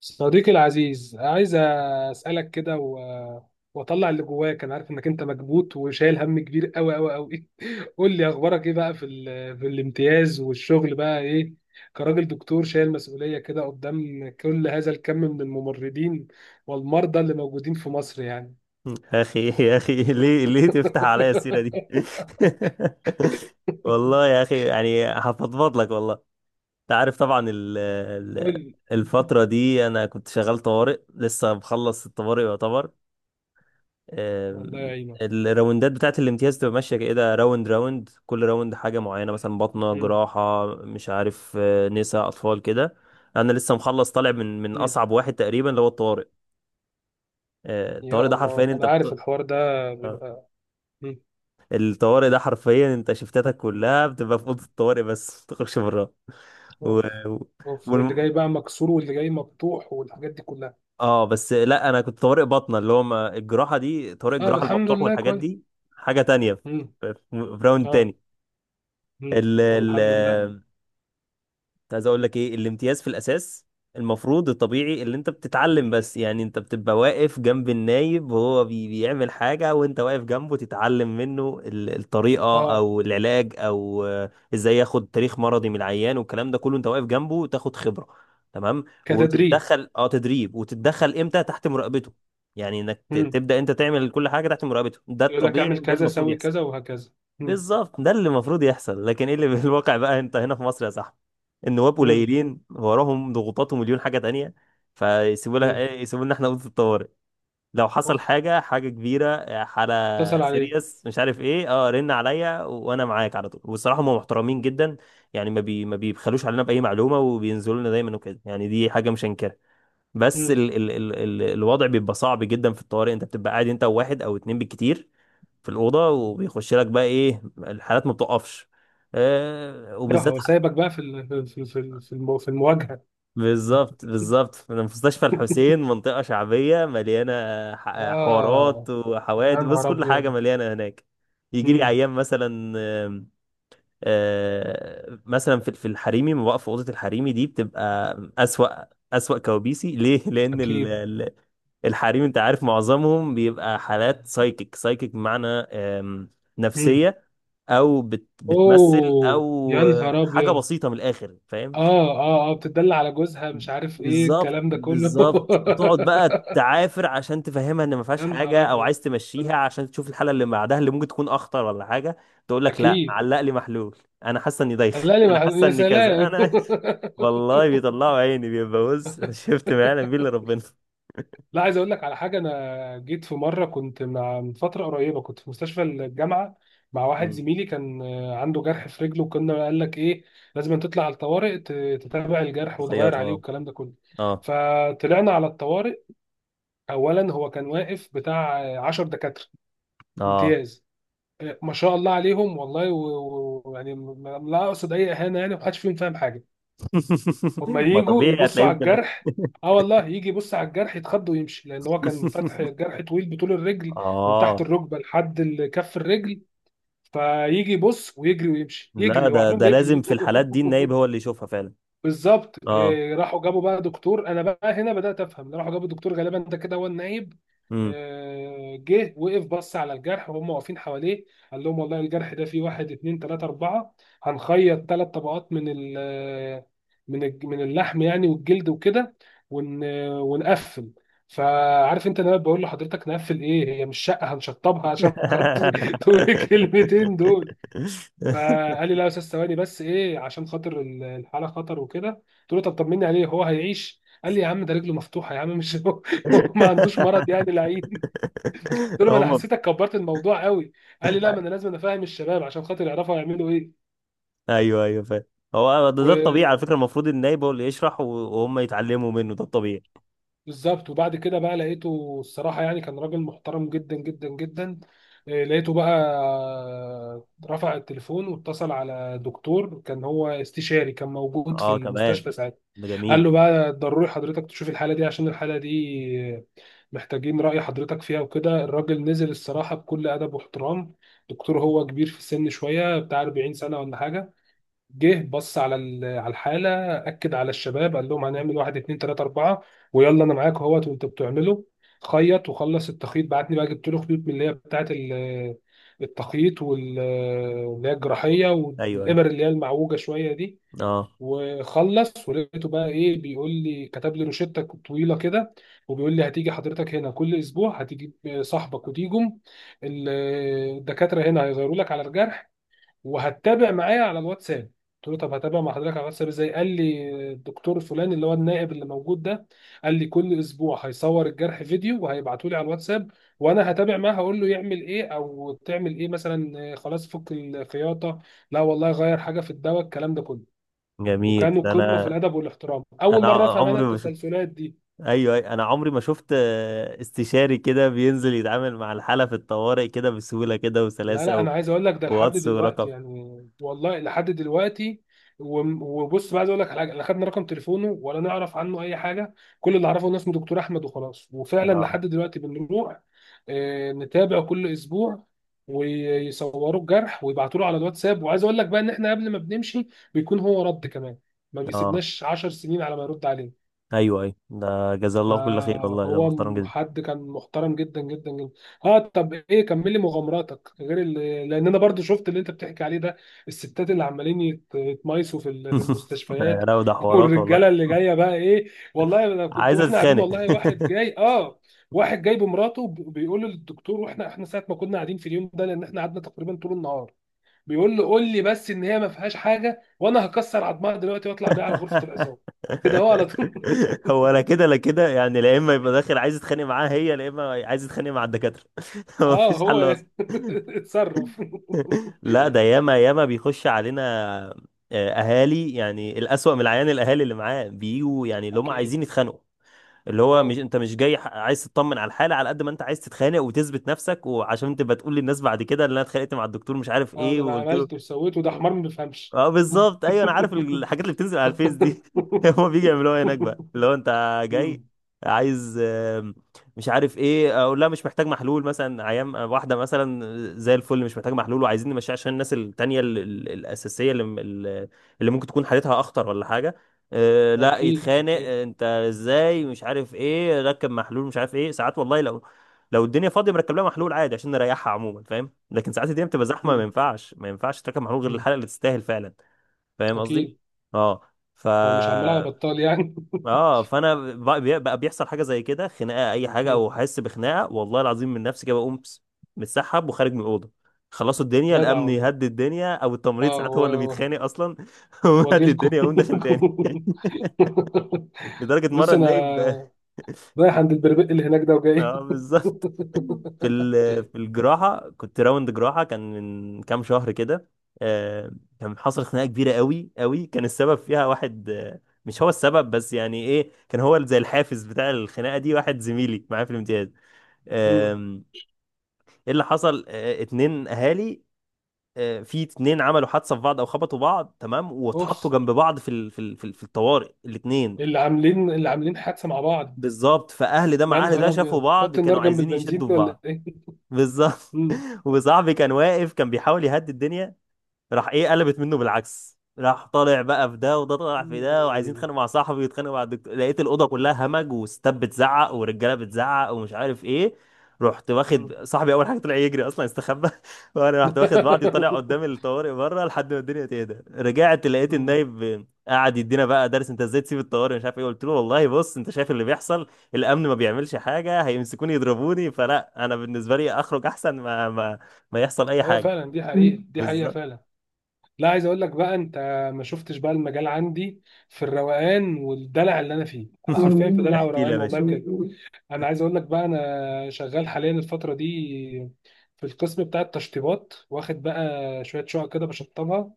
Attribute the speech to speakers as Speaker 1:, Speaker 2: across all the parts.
Speaker 1: صديقي العزيز، عايز اسالك كده واطلع اللي جواك. انا عارف انك انت مكبوت وشايل هم كبير قوي قوي قوي. قول لي اخبارك ايه بقى في الامتياز، والشغل بقى ايه كراجل دكتور شايل مسؤوليه كده قدام كل هذا الكم من الممرضين والمرضى اللي موجودين في مصر يعني.
Speaker 2: يا اخي، يا اخي، ليه تفتح عليا السيره دي؟ والله يا اخي، يعني هفضفض لك والله. انت عارف طبعا ال
Speaker 1: قول
Speaker 2: ال
Speaker 1: لي.
Speaker 2: الفتره دي انا كنت شغال طوارئ، لسه مخلص الطوارئ يعتبر.
Speaker 1: الله
Speaker 2: أم،
Speaker 1: يعينك.
Speaker 2: الراوندات بتاعت الامتياز تبقى ماشيه كده، راوند راوند، كل راوند حاجه معينه، مثلا بطنه،
Speaker 1: مم.
Speaker 2: جراحه، مش عارف، نساء، اطفال كده. انا لسه مخلص، طالع من
Speaker 1: مم.
Speaker 2: اصعب واحد تقريبا اللي هو الطوارئ.
Speaker 1: يا
Speaker 2: الطوارئ ده حرفيا
Speaker 1: الله، انا عارف الحوار ده
Speaker 2: آه.
Speaker 1: بيبقى. مم.
Speaker 2: الطوارئ ده حرفيا انت شفتاتك كلها بتبقى في اوضه الطوارئ، بس ما بتخرجش براها. و...
Speaker 1: اوف.
Speaker 2: و...
Speaker 1: اوف، واللي
Speaker 2: والم-
Speaker 1: جاي بقى مكسور واللي جاي مفتوح والحاجات دي كلها.
Speaker 2: اه، بس لا، انا كنت طوارئ باطنه، اللي هو ما الجراحه دي، طوارئ
Speaker 1: اه،
Speaker 2: الجراحه
Speaker 1: الحمد
Speaker 2: المفتوح
Speaker 1: لله،
Speaker 2: والحاجات
Speaker 1: كويس.
Speaker 2: دي، حاجه تانية.
Speaker 1: امم
Speaker 2: في راوند
Speaker 1: اه.
Speaker 2: تاني. ال...
Speaker 1: طب
Speaker 2: ال...
Speaker 1: الحمد لله.
Speaker 2: كنت عايز اقول لك ايه، الامتياز في الاساس المفروض الطبيعي اللي انت بتتعلم، بس يعني انت بتبقى واقف جنب النايب وهو بيعمل حاجة، وانت واقف جنبه تتعلم منه الطريقة
Speaker 1: اه.
Speaker 2: او العلاج، او ازاي ياخد تاريخ مرضي من العيان والكلام ده كله، انت واقف جنبه تاخد خبرة، تمام،
Speaker 1: كتدريب.
Speaker 2: وتتدخل تدريب، وتتدخل امتى تحت مراقبته، يعني انك
Speaker 1: امم
Speaker 2: تبدأ انت تعمل كل حاجة تحت مراقبته، ده
Speaker 1: يقول لك
Speaker 2: الطبيعي
Speaker 1: اعمل
Speaker 2: وده
Speaker 1: كذا،
Speaker 2: المفروض
Speaker 1: سوي
Speaker 2: يحصل.
Speaker 1: كذا، وهكذا. امم
Speaker 2: بالظبط، ده اللي المفروض يحصل، لكن ايه اللي في الواقع بقى؟ انت هنا في مصر يا صاحبي، النواب
Speaker 1: امم
Speaker 2: قليلين وراهم ضغوطات ومليون حاجه تانية، فيسيبوا لها
Speaker 1: امم
Speaker 2: ايه؟ يسيبوا لنا احنا اوضه الطوارئ. لو حصل
Speaker 1: اوف.
Speaker 2: حاجه كبيره، حاله
Speaker 1: اتصل عليه.
Speaker 2: سيريس، مش عارف ايه، رن عليا، وانا معاك على طول. والصراحه، هم محترمين جدا، يعني ما بيبخلوش علينا باي معلومه، وبينزلوا لنا دايما وكده، يعني دي حاجه مش هنكرها. بس
Speaker 1: امم
Speaker 2: ال ال ال ال الوضع بيبقى صعب جدا في الطوارئ، انت بتبقى قاعد انت وواحد او اتنين بالكتير في الأوضة، وبيخش لك بقى إيه الحالات ما بتقفش،
Speaker 1: ايوه،
Speaker 2: وبالذات
Speaker 1: هو سايبك بقى في ال... في في في في المو- في المواجهه.
Speaker 2: بالظبط، بالظبط في مستشفى الحسين، منطقة شعبية مليانة
Speaker 1: اه،
Speaker 2: حوارات
Speaker 1: يا
Speaker 2: وحوادث، بص
Speaker 1: نهار
Speaker 2: كل حاجة
Speaker 1: ابيض.
Speaker 2: مليانة هناك. يجي لي
Speaker 1: امم
Speaker 2: أيام مثلا، آم، آه، مثلا في الحريمي ما بقف في أوضة الحريمي دي، بتبقى أسوأ أسوأ كوابيسي. ليه؟ لأن
Speaker 1: اكيد.
Speaker 2: الحريم أنت عارف معظمهم بيبقى حالات سايكيك، سايكيك بمعنى
Speaker 1: امم
Speaker 2: نفسية، او بتمثل،
Speaker 1: اوه
Speaker 2: او
Speaker 1: يا نهار
Speaker 2: حاجه
Speaker 1: ابيض.
Speaker 2: بسيطه من الاخر، فاهم؟
Speaker 1: اه. اه اه، بتدل على جوزها، مش عارف ايه
Speaker 2: بالظبط،
Speaker 1: الكلام ده كله.
Speaker 2: بالظبط، وتقعد بقى تعافر عشان تفهمها ان ما فيهاش
Speaker 1: يا نهار
Speaker 2: حاجه، او
Speaker 1: ابيض.
Speaker 2: عايز تمشيها عشان تشوف الحلقه اللي بعدها اللي ممكن تكون اخطر ولا حاجه. تقول لك لا،
Speaker 1: اكيد
Speaker 2: علق لي
Speaker 1: اكيد.
Speaker 2: محلول، انا حاسه اني دايخ،
Speaker 1: لا لي
Speaker 2: انا
Speaker 1: مع-
Speaker 2: حاسه
Speaker 1: يا
Speaker 2: اني كذا،
Speaker 1: سلام.
Speaker 2: انا. والله بيطلعوا عيني، بيبقى بص شفت؟ ما يعلم بيه الا ربنا.
Speaker 1: لا، عايز اقول لك على حاجه. انا جيت في مره، كنت مع، من فتره قريبه كنت في مستشفى الجامعه مع واحد
Speaker 2: مم.
Speaker 1: زميلي، كان عنده جرح في رجله، وكنا قال لك ايه لازم تطلع على الطوارئ تتابع الجرح وتغير
Speaker 2: تخيط،
Speaker 1: عليه
Speaker 2: اه.
Speaker 1: والكلام ده كله.
Speaker 2: اه،
Speaker 1: فطلعنا على الطوارئ. اولا هو كان واقف بتاع 10 دكاتره
Speaker 2: اه.
Speaker 1: امتياز. ما شاء الله عليهم والله لا اقصد اي اهانه، يعني محدش فيهم فاهم حاجه. هما
Speaker 2: ما
Speaker 1: يجوا
Speaker 2: طبيعي
Speaker 1: يبصوا
Speaker 2: هتلاقيه
Speaker 1: على الجرح. اه والله، يجي يبص على الجرح يتخض ويمشي، لان هو كان فاتح جرح طويل بطول الرجل من
Speaker 2: اه.
Speaker 1: تحت الركبه لحد كف الرجل. فيجي يبص ويجري ويمشي،
Speaker 2: لا
Speaker 1: يجري هو،
Speaker 2: ده
Speaker 1: عارفين
Speaker 2: ده لازم
Speaker 1: بيجري.
Speaker 2: في الحالات دي النايب هو اللي يشوفها فعلا.
Speaker 1: بالظبط.
Speaker 2: اه،
Speaker 1: راحوا جابوا بقى دكتور، انا بقى هنا بدات افهم، راحوا جابوا دكتور غالبا ده كده هو النايب.
Speaker 2: امم.
Speaker 1: جه وقف بص على الجرح وهم واقفين حواليه. قال لهم والله الجرح ده فيه واحد اتنين تلاته اربعه، هنخيط ثلاث طبقات من من اللحم يعني، والجلد وكده، ون ونقفل. فعارف انت انا بقول لحضرتك نقفل ايه؟ هي مش شقه هنشطبها عشان خاطر. تقول الكلمتين دول. فقال لي لا يا استاذ، ثواني بس، ايه عشان خاطر الحاله خطر وكده. قلت له طب طمني عليه، هو هيعيش؟ قال لي يا عم ده رجله مفتوحه يا عم، مش هو هو ما عندوش مرض يعني لعين. قلت له ما انا
Speaker 2: هم.
Speaker 1: حسيتك كبرت الموضوع قوي. قال لي لا ما انا لازم افهم الشباب عشان خاطر يعرفوا هيعملوا
Speaker 2: ايوه، ايوه، فاهم. هو ده الطبيعي على
Speaker 1: ايه.
Speaker 2: فكره، المفروض النايب هو اللي يشرح، وهم يتعلموا منه، ده الطبيعي.
Speaker 1: بالظبط. وبعد كده بقى لقيته، الصراحة يعني كان راجل محترم جدا جدا جدا. لقيته بقى رفع التليفون واتصل على دكتور، كان هو استشاري، كان موجود في
Speaker 2: اه، كمان،
Speaker 1: المستشفى ساعتها.
Speaker 2: ده
Speaker 1: قال له
Speaker 2: جميل.
Speaker 1: بقى ضروري حضرتك تشوف الحالة دي، عشان الحالة دي محتاجين رأي حضرتك فيها وكده. الراجل نزل الصراحة بكل أدب واحترام. دكتور هو كبير في السن شوية بتاع 40 سنة ولا حاجة. جه بص على على الحاله، اكد على الشباب، قال لهم هنعمل واحد اتنين تلاته اربعه، ويلا انا معاك اهوت وانتوا بتعملوا. خيط وخلص التخيط، بعتني بقى جبت له خيوط من اللي هي بتاعه التخييط، واللي هي الجراحيه،
Speaker 2: ايوه، أيوه.
Speaker 1: والابر اللي هي المعوجه شويه دي.
Speaker 2: اه،
Speaker 1: وخلص، ولقيته بقى ايه، بيقول لي، كتب لي روشته طويله كده، وبيقول لي هتيجي حضرتك هنا كل اسبوع، هتجيب صاحبك وتيجم ال- الدكاتره هنا هيغيروا لك على الجرح، وهتتابع معايا على الواتساب. قلت له طب هتابع مع حضرتك على الواتساب ازاي؟ قال لي الدكتور فلان اللي هو النائب اللي موجود ده، قال لي كل اسبوع هيصور الجرح فيديو وهيبعته لي على الواتساب، وانا هتابع معاه هقول له يعمل ايه او تعمل ايه، مثلا خلاص فك الخياطه، لا والله غير حاجه في الدواء، الكلام ده كله.
Speaker 2: جميل،
Speaker 1: وكانوا
Speaker 2: ده
Speaker 1: قمه في
Speaker 2: انا
Speaker 1: الادب والاحترام. اول
Speaker 2: انا
Speaker 1: مره افهم انا
Speaker 2: عمري ما شفت.
Speaker 1: التسلسلات دي.
Speaker 2: ايوه، أيوة، انا عمري ما شفت استشاري كده بينزل يتعامل مع الحاله في الطوارئ كده بسهوله كده
Speaker 1: لا لا،
Speaker 2: وسلاسه.
Speaker 1: انا عايز اقول لك ده لحد
Speaker 2: واتس ورقم.
Speaker 1: دلوقتي يعني، والله لحد دلوقتي. وبص بقى، عايز اقول لك على حاجه، لا خدنا رقم تليفونه ولا نعرف عنه اي حاجه. كل اللي اعرفه ان اسمه دكتور احمد وخلاص. وفعلا
Speaker 2: اه،
Speaker 1: لحد دلوقتي بنروح نتابع كل اسبوع، ويصوروا الجرح ويبعتوا له على الواتساب. وعايز اقول لك بقى ان احنا قبل ما بنمشي بيكون هو رد كمان، ما
Speaker 2: اه،
Speaker 1: بيسيبناش 10 سنين على ما يرد علينا.
Speaker 2: ايوه، ايوه، ده جزاه الله كل خير والله، ده محترم جدا.
Speaker 1: حد كان محترم جدا جدا جدا. اه. طب ايه، كملي مغامراتك غير لان انا برضو شفت اللي انت بتحكي عليه ده. الستات اللي عمالين يتمايسوا في في
Speaker 2: ده
Speaker 1: المستشفيات.
Speaker 2: لا، ده حوارات والله.
Speaker 1: والرجاله اللي جايه بقى ايه، والله انا كنت
Speaker 2: عايزه
Speaker 1: واحنا قاعدين
Speaker 2: تتخانق.
Speaker 1: والله واحد جاي. اه، واحد جاي بمراته، بيقول للدكتور، واحنا ساعه ما كنا قاعدين في اليوم ده، لان احنا قعدنا تقريبا طول النهار، بيقول له قول لي بس ان هي ما فيهاش حاجه وانا هكسر عظمها دلوقتي واطلع بيها على غرفه العظام، كده هو على طول.
Speaker 2: هو انا كده، لا كده يعني، لا اما يبقى داخل عايز يتخانق معاها هي، لا اما عايز يتخانق مع الدكاتره. هو
Speaker 1: اه
Speaker 2: مفيش
Speaker 1: هو.
Speaker 2: حل اصلا.
Speaker 1: اتصرف.
Speaker 2: لا ده ياما ياما بيخش علينا اهالي، يعني الاسوأ من العيان الاهالي اللي معاه، بيجوا يعني اللي هم
Speaker 1: اكيد.
Speaker 2: عايزين يتخانقوا، اللي هو مش،
Speaker 1: اه
Speaker 2: انت مش جاي، عايز تطمن على الحاله على قد ما انت عايز تتخانق وتثبت نفسك، وعشان تبقى تقول للناس بعد كده اللي انا اتخانقت مع الدكتور مش عارف
Speaker 1: اه،
Speaker 2: ايه،
Speaker 1: ده انا
Speaker 2: وقلت له.
Speaker 1: عملت وسويت، وده حمار ما بيفهمش.
Speaker 2: اه بالظبط، ايوه، انا عارف الحاجات اللي بتنزل على الفيس دي. هما بيجي يعملوها هناك بقى اللي هو انت جاي
Speaker 1: مم.
Speaker 2: عايز مش عارف ايه، اقول لها مش محتاج محلول مثلا، عيام واحده مثلا زي الفل، مش محتاج محلول، وعايزين نمشيها عشان الناس التانيه الاساسيه، اللي ممكن تكون حالتها اخطر ولا حاجه. لا
Speaker 1: اكيد
Speaker 2: يتخانق،
Speaker 1: اكيد.
Speaker 2: انت ازاي، مش عارف ايه، ركب محلول، مش عارف ايه. ساعات والله لو الدنيا فاضيه مركب لها محلول عادي عشان نريحها عموما، فاهم؟ لكن ساعات الدنيا بتبقى زحمه، ما
Speaker 1: مم.
Speaker 2: ينفعش، ما ينفعش تركب محمول غير
Speaker 1: مم.
Speaker 2: الحلقه اللي تستاهل فعلا. فاهم
Speaker 1: اكيد.
Speaker 2: قصدي؟ اه. ف
Speaker 1: هو مش عمال على بطال يعني.
Speaker 2: اه فانا بقى بيحصل حاجه زي كده، خناقه اي حاجه،
Speaker 1: مم.
Speaker 2: او احس بخناقه والله العظيم من نفسي كده، بقوم متسحب وخارج من الاوضه، خلصوا الدنيا.
Speaker 1: جدع
Speaker 2: الامن
Speaker 1: والله.
Speaker 2: يهدد الدنيا، او التمريض
Speaker 1: اه
Speaker 2: ساعات هو اللي بيتخانق اصلا ويهدد
Speaker 1: واجيلكم.
Speaker 2: الدنيا، ويقوم داخل تاني. لدرجه
Speaker 1: بص
Speaker 2: مره، النايب
Speaker 1: انا رايح
Speaker 2: كنت
Speaker 1: عند البربق اللي هناك ده وجاي.
Speaker 2: اه، بالظبط. في الجراحه، كنت راوند جراحه، كان من كام شهر كده، آه، كان حصل خناقه كبيره قوي قوي، كان السبب فيها واحد، مش هو السبب بس، يعني ايه، كان هو زي الحافز بتاع الخناقه دي، واحد زميلي معايا في الامتياز.
Speaker 1: مم.
Speaker 2: آم، ايه اللي حصل؟ اتنين اهالي، في اتنين عملوا حادثه في بعض او خبطوا بعض، تمام،
Speaker 1: اوف.
Speaker 2: واتحطوا جنب بعض في الطوارئ الاتنين.
Speaker 1: اللي عاملين، اللي عاملين حادثه مع بعض؟
Speaker 2: بالظبط، فاهل ده
Speaker 1: يا
Speaker 2: مع اهل ده،
Speaker 1: نهار
Speaker 2: شافوا
Speaker 1: ابيض،
Speaker 2: بعض،
Speaker 1: حط النار
Speaker 2: كانوا
Speaker 1: جنب
Speaker 2: عايزين
Speaker 1: البنزين
Speaker 2: يشدوا في
Speaker 1: ولا
Speaker 2: بعض.
Speaker 1: ايه؟
Speaker 2: بالظبط.
Speaker 1: مم.
Speaker 2: وصاحبي كان واقف، كان بيحاول يهدي الدنيا، راح ايه، قلبت منه بالعكس، راح طالع بقى في ده، وده طالع في ده، وعايزين
Speaker 1: مم.
Speaker 2: يتخانقوا مع صاحبي ويتخانقوا مع الدكتور. لقيت الاوضه كلها همج، وستات بتزعق، ورجاله بتزعق، ومش عارف ايه. رحت
Speaker 1: مم.
Speaker 2: واخد صاحبي، اول حاجه طلع يجري اصلا، استخبى. وانا رحت واخد بعضي وطالع قدام الطوارئ بره لحد ما الدنيا تهدى. رجعت لقيت
Speaker 1: مم.
Speaker 2: النايب قاعد يدينا بقى درس، انت ازاي تسيب الطوارئ، مش عارف ايه. قلت له والله بص، انت شايف اللي بيحصل، الامن ما بيعملش حاجه، هيمسكوني يضربوني، فلا، انا بالنسبه لي اخرج احسن ما يحصل اي
Speaker 1: ايوه
Speaker 2: حاجه.
Speaker 1: فعلا، دي حقيقة، مم، دي حقيقة
Speaker 2: بالظبط.
Speaker 1: فعلا. لا، عايز اقول لك بقى انت، ما شفتش بقى المجال عندي في الروقان والدلع اللي انا فيه. انا حرفيا في دلع
Speaker 2: احكي لي يا
Speaker 1: وروقان والله
Speaker 2: باشا.
Speaker 1: بجد. انا عايز اقول لك بقى، انا شغال حاليا الفترة دي في القسم بتاع التشطيبات، واخد بقى شوية شقق كده بشطبها.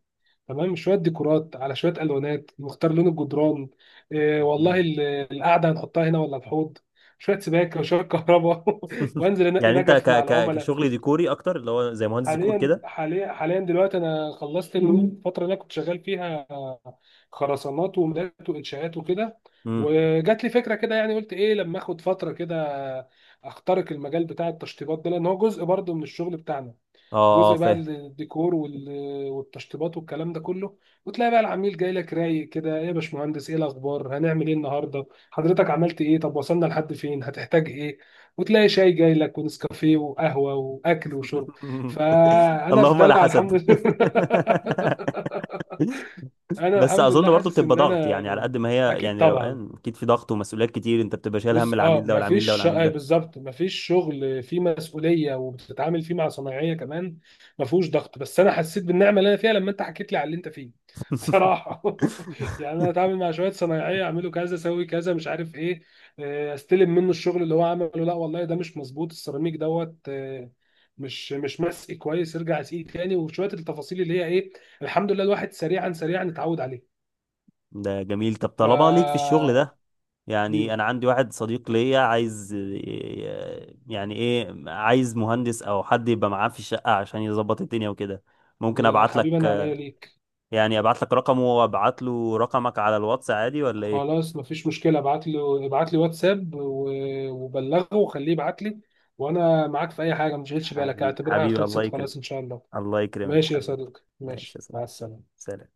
Speaker 1: تمام. شويه ديكورات، على شويه الوانات، نختار لون الجدران، والله
Speaker 2: مين؟
Speaker 1: القعده هنحطها هنا ولا الحوض، شويه سباكه وشويه كهرباء، وانزل انقي
Speaker 2: يعني انت
Speaker 1: نجف
Speaker 2: ك
Speaker 1: مع
Speaker 2: ك
Speaker 1: العملاء.
Speaker 2: كشغل ديكوري اكتر، اللي هو زي مهندس ديكور
Speaker 1: حاليا
Speaker 2: كده؟
Speaker 1: حاليا حاليا، دلوقتي انا خلصت الفتره اللي انا كنت شغال فيها خرسانات ومولات وانشاءات وكده،
Speaker 2: امم.
Speaker 1: وجات لي فكره كده يعني، قلت ايه لما اخد فتره كده اخترق المجال بتاع التشطيبات ده، لان هو جزء برضه من الشغل بتاعنا.
Speaker 2: اه، اه،
Speaker 1: جزء بقى
Speaker 2: فاهم.
Speaker 1: الديكور والتشطيبات والكلام ده كله. وتلاقي بقى العميل جاي لك رايق كده، ايه يا باشمهندس، ايه الاخبار، هنعمل ايه النهارده، حضرتك عملت ايه، طب وصلنا لحد فين، هتحتاج ايه. وتلاقي شاي جاي لك ونسكافيه وقهوه واكل وشرب. فانا في
Speaker 2: اللهم لا
Speaker 1: دلع
Speaker 2: حسد.
Speaker 1: الحمد لله. انا
Speaker 2: بس
Speaker 1: الحمد
Speaker 2: اظن
Speaker 1: لله
Speaker 2: برضو
Speaker 1: حاسس
Speaker 2: بتبقى
Speaker 1: ان
Speaker 2: ضغط، يعني على
Speaker 1: انا.
Speaker 2: قد ما هي
Speaker 1: اكيد
Speaker 2: يعني
Speaker 1: طبعا.
Speaker 2: روقان، اكيد في ضغط ومسؤوليات كتير، انت بتبقى شايل هم
Speaker 1: بص
Speaker 2: العميل
Speaker 1: اه،
Speaker 2: ده والعميل ده
Speaker 1: مفيش آه،
Speaker 2: والعميل
Speaker 1: بالظبط مفيش شغل فيه مسؤوليه وبتتعامل فيه مع صنايعيه كمان، مفهوش ضغط. بس انا حسيت بالنعمه اللي انا فيها لما انت حكيت لي على اللي انت فيه صراحه.
Speaker 2: ده.
Speaker 1: يعني انا اتعامل مع شويه صنايعيه، اعملوا كذا، اسوي كذا، مش عارف ايه. استلم منه الشغل اللي هو عمله، لا والله ده مش مظبوط، السيراميك دوت مش مسئي كويس، ارجع اسقيه تاني، وشويه التفاصيل اللي هي ايه. الحمد لله الواحد سريعا سريعا اتعود عليه.
Speaker 2: ده جميل، طب
Speaker 1: ف
Speaker 2: طالما ليك في الشغل ده، يعني
Speaker 1: مم.
Speaker 2: انا عندي واحد صديق ليا عايز، يعني ايه، عايز مهندس او حد يبقى معاه في الشقة عشان يظبط الدنيا وكده، ممكن
Speaker 1: يا
Speaker 2: ابعت لك؟
Speaker 1: حبيبي، انا عينيا ليك.
Speaker 2: يعني ابعت لك رقمه وابعت له رقمك على الواتس عادي ولا ايه؟
Speaker 1: خلاص مفيش مشكلة، ابعت له، ابعت لي واتساب وبلغه وخليه يبعت لي، وانا معاك في اي حاجة، ما تشغلش بالك،
Speaker 2: حبيبي،
Speaker 1: اعتبرها
Speaker 2: حبيبي،
Speaker 1: خلصت خلاص ان شاء الله.
Speaker 2: الله يكرمك
Speaker 1: ماشي يا
Speaker 2: حبيبي.
Speaker 1: صديقي،
Speaker 2: ماشي
Speaker 1: ماشي،
Speaker 2: يا صاحبي.
Speaker 1: مع السلامة.
Speaker 2: سلام.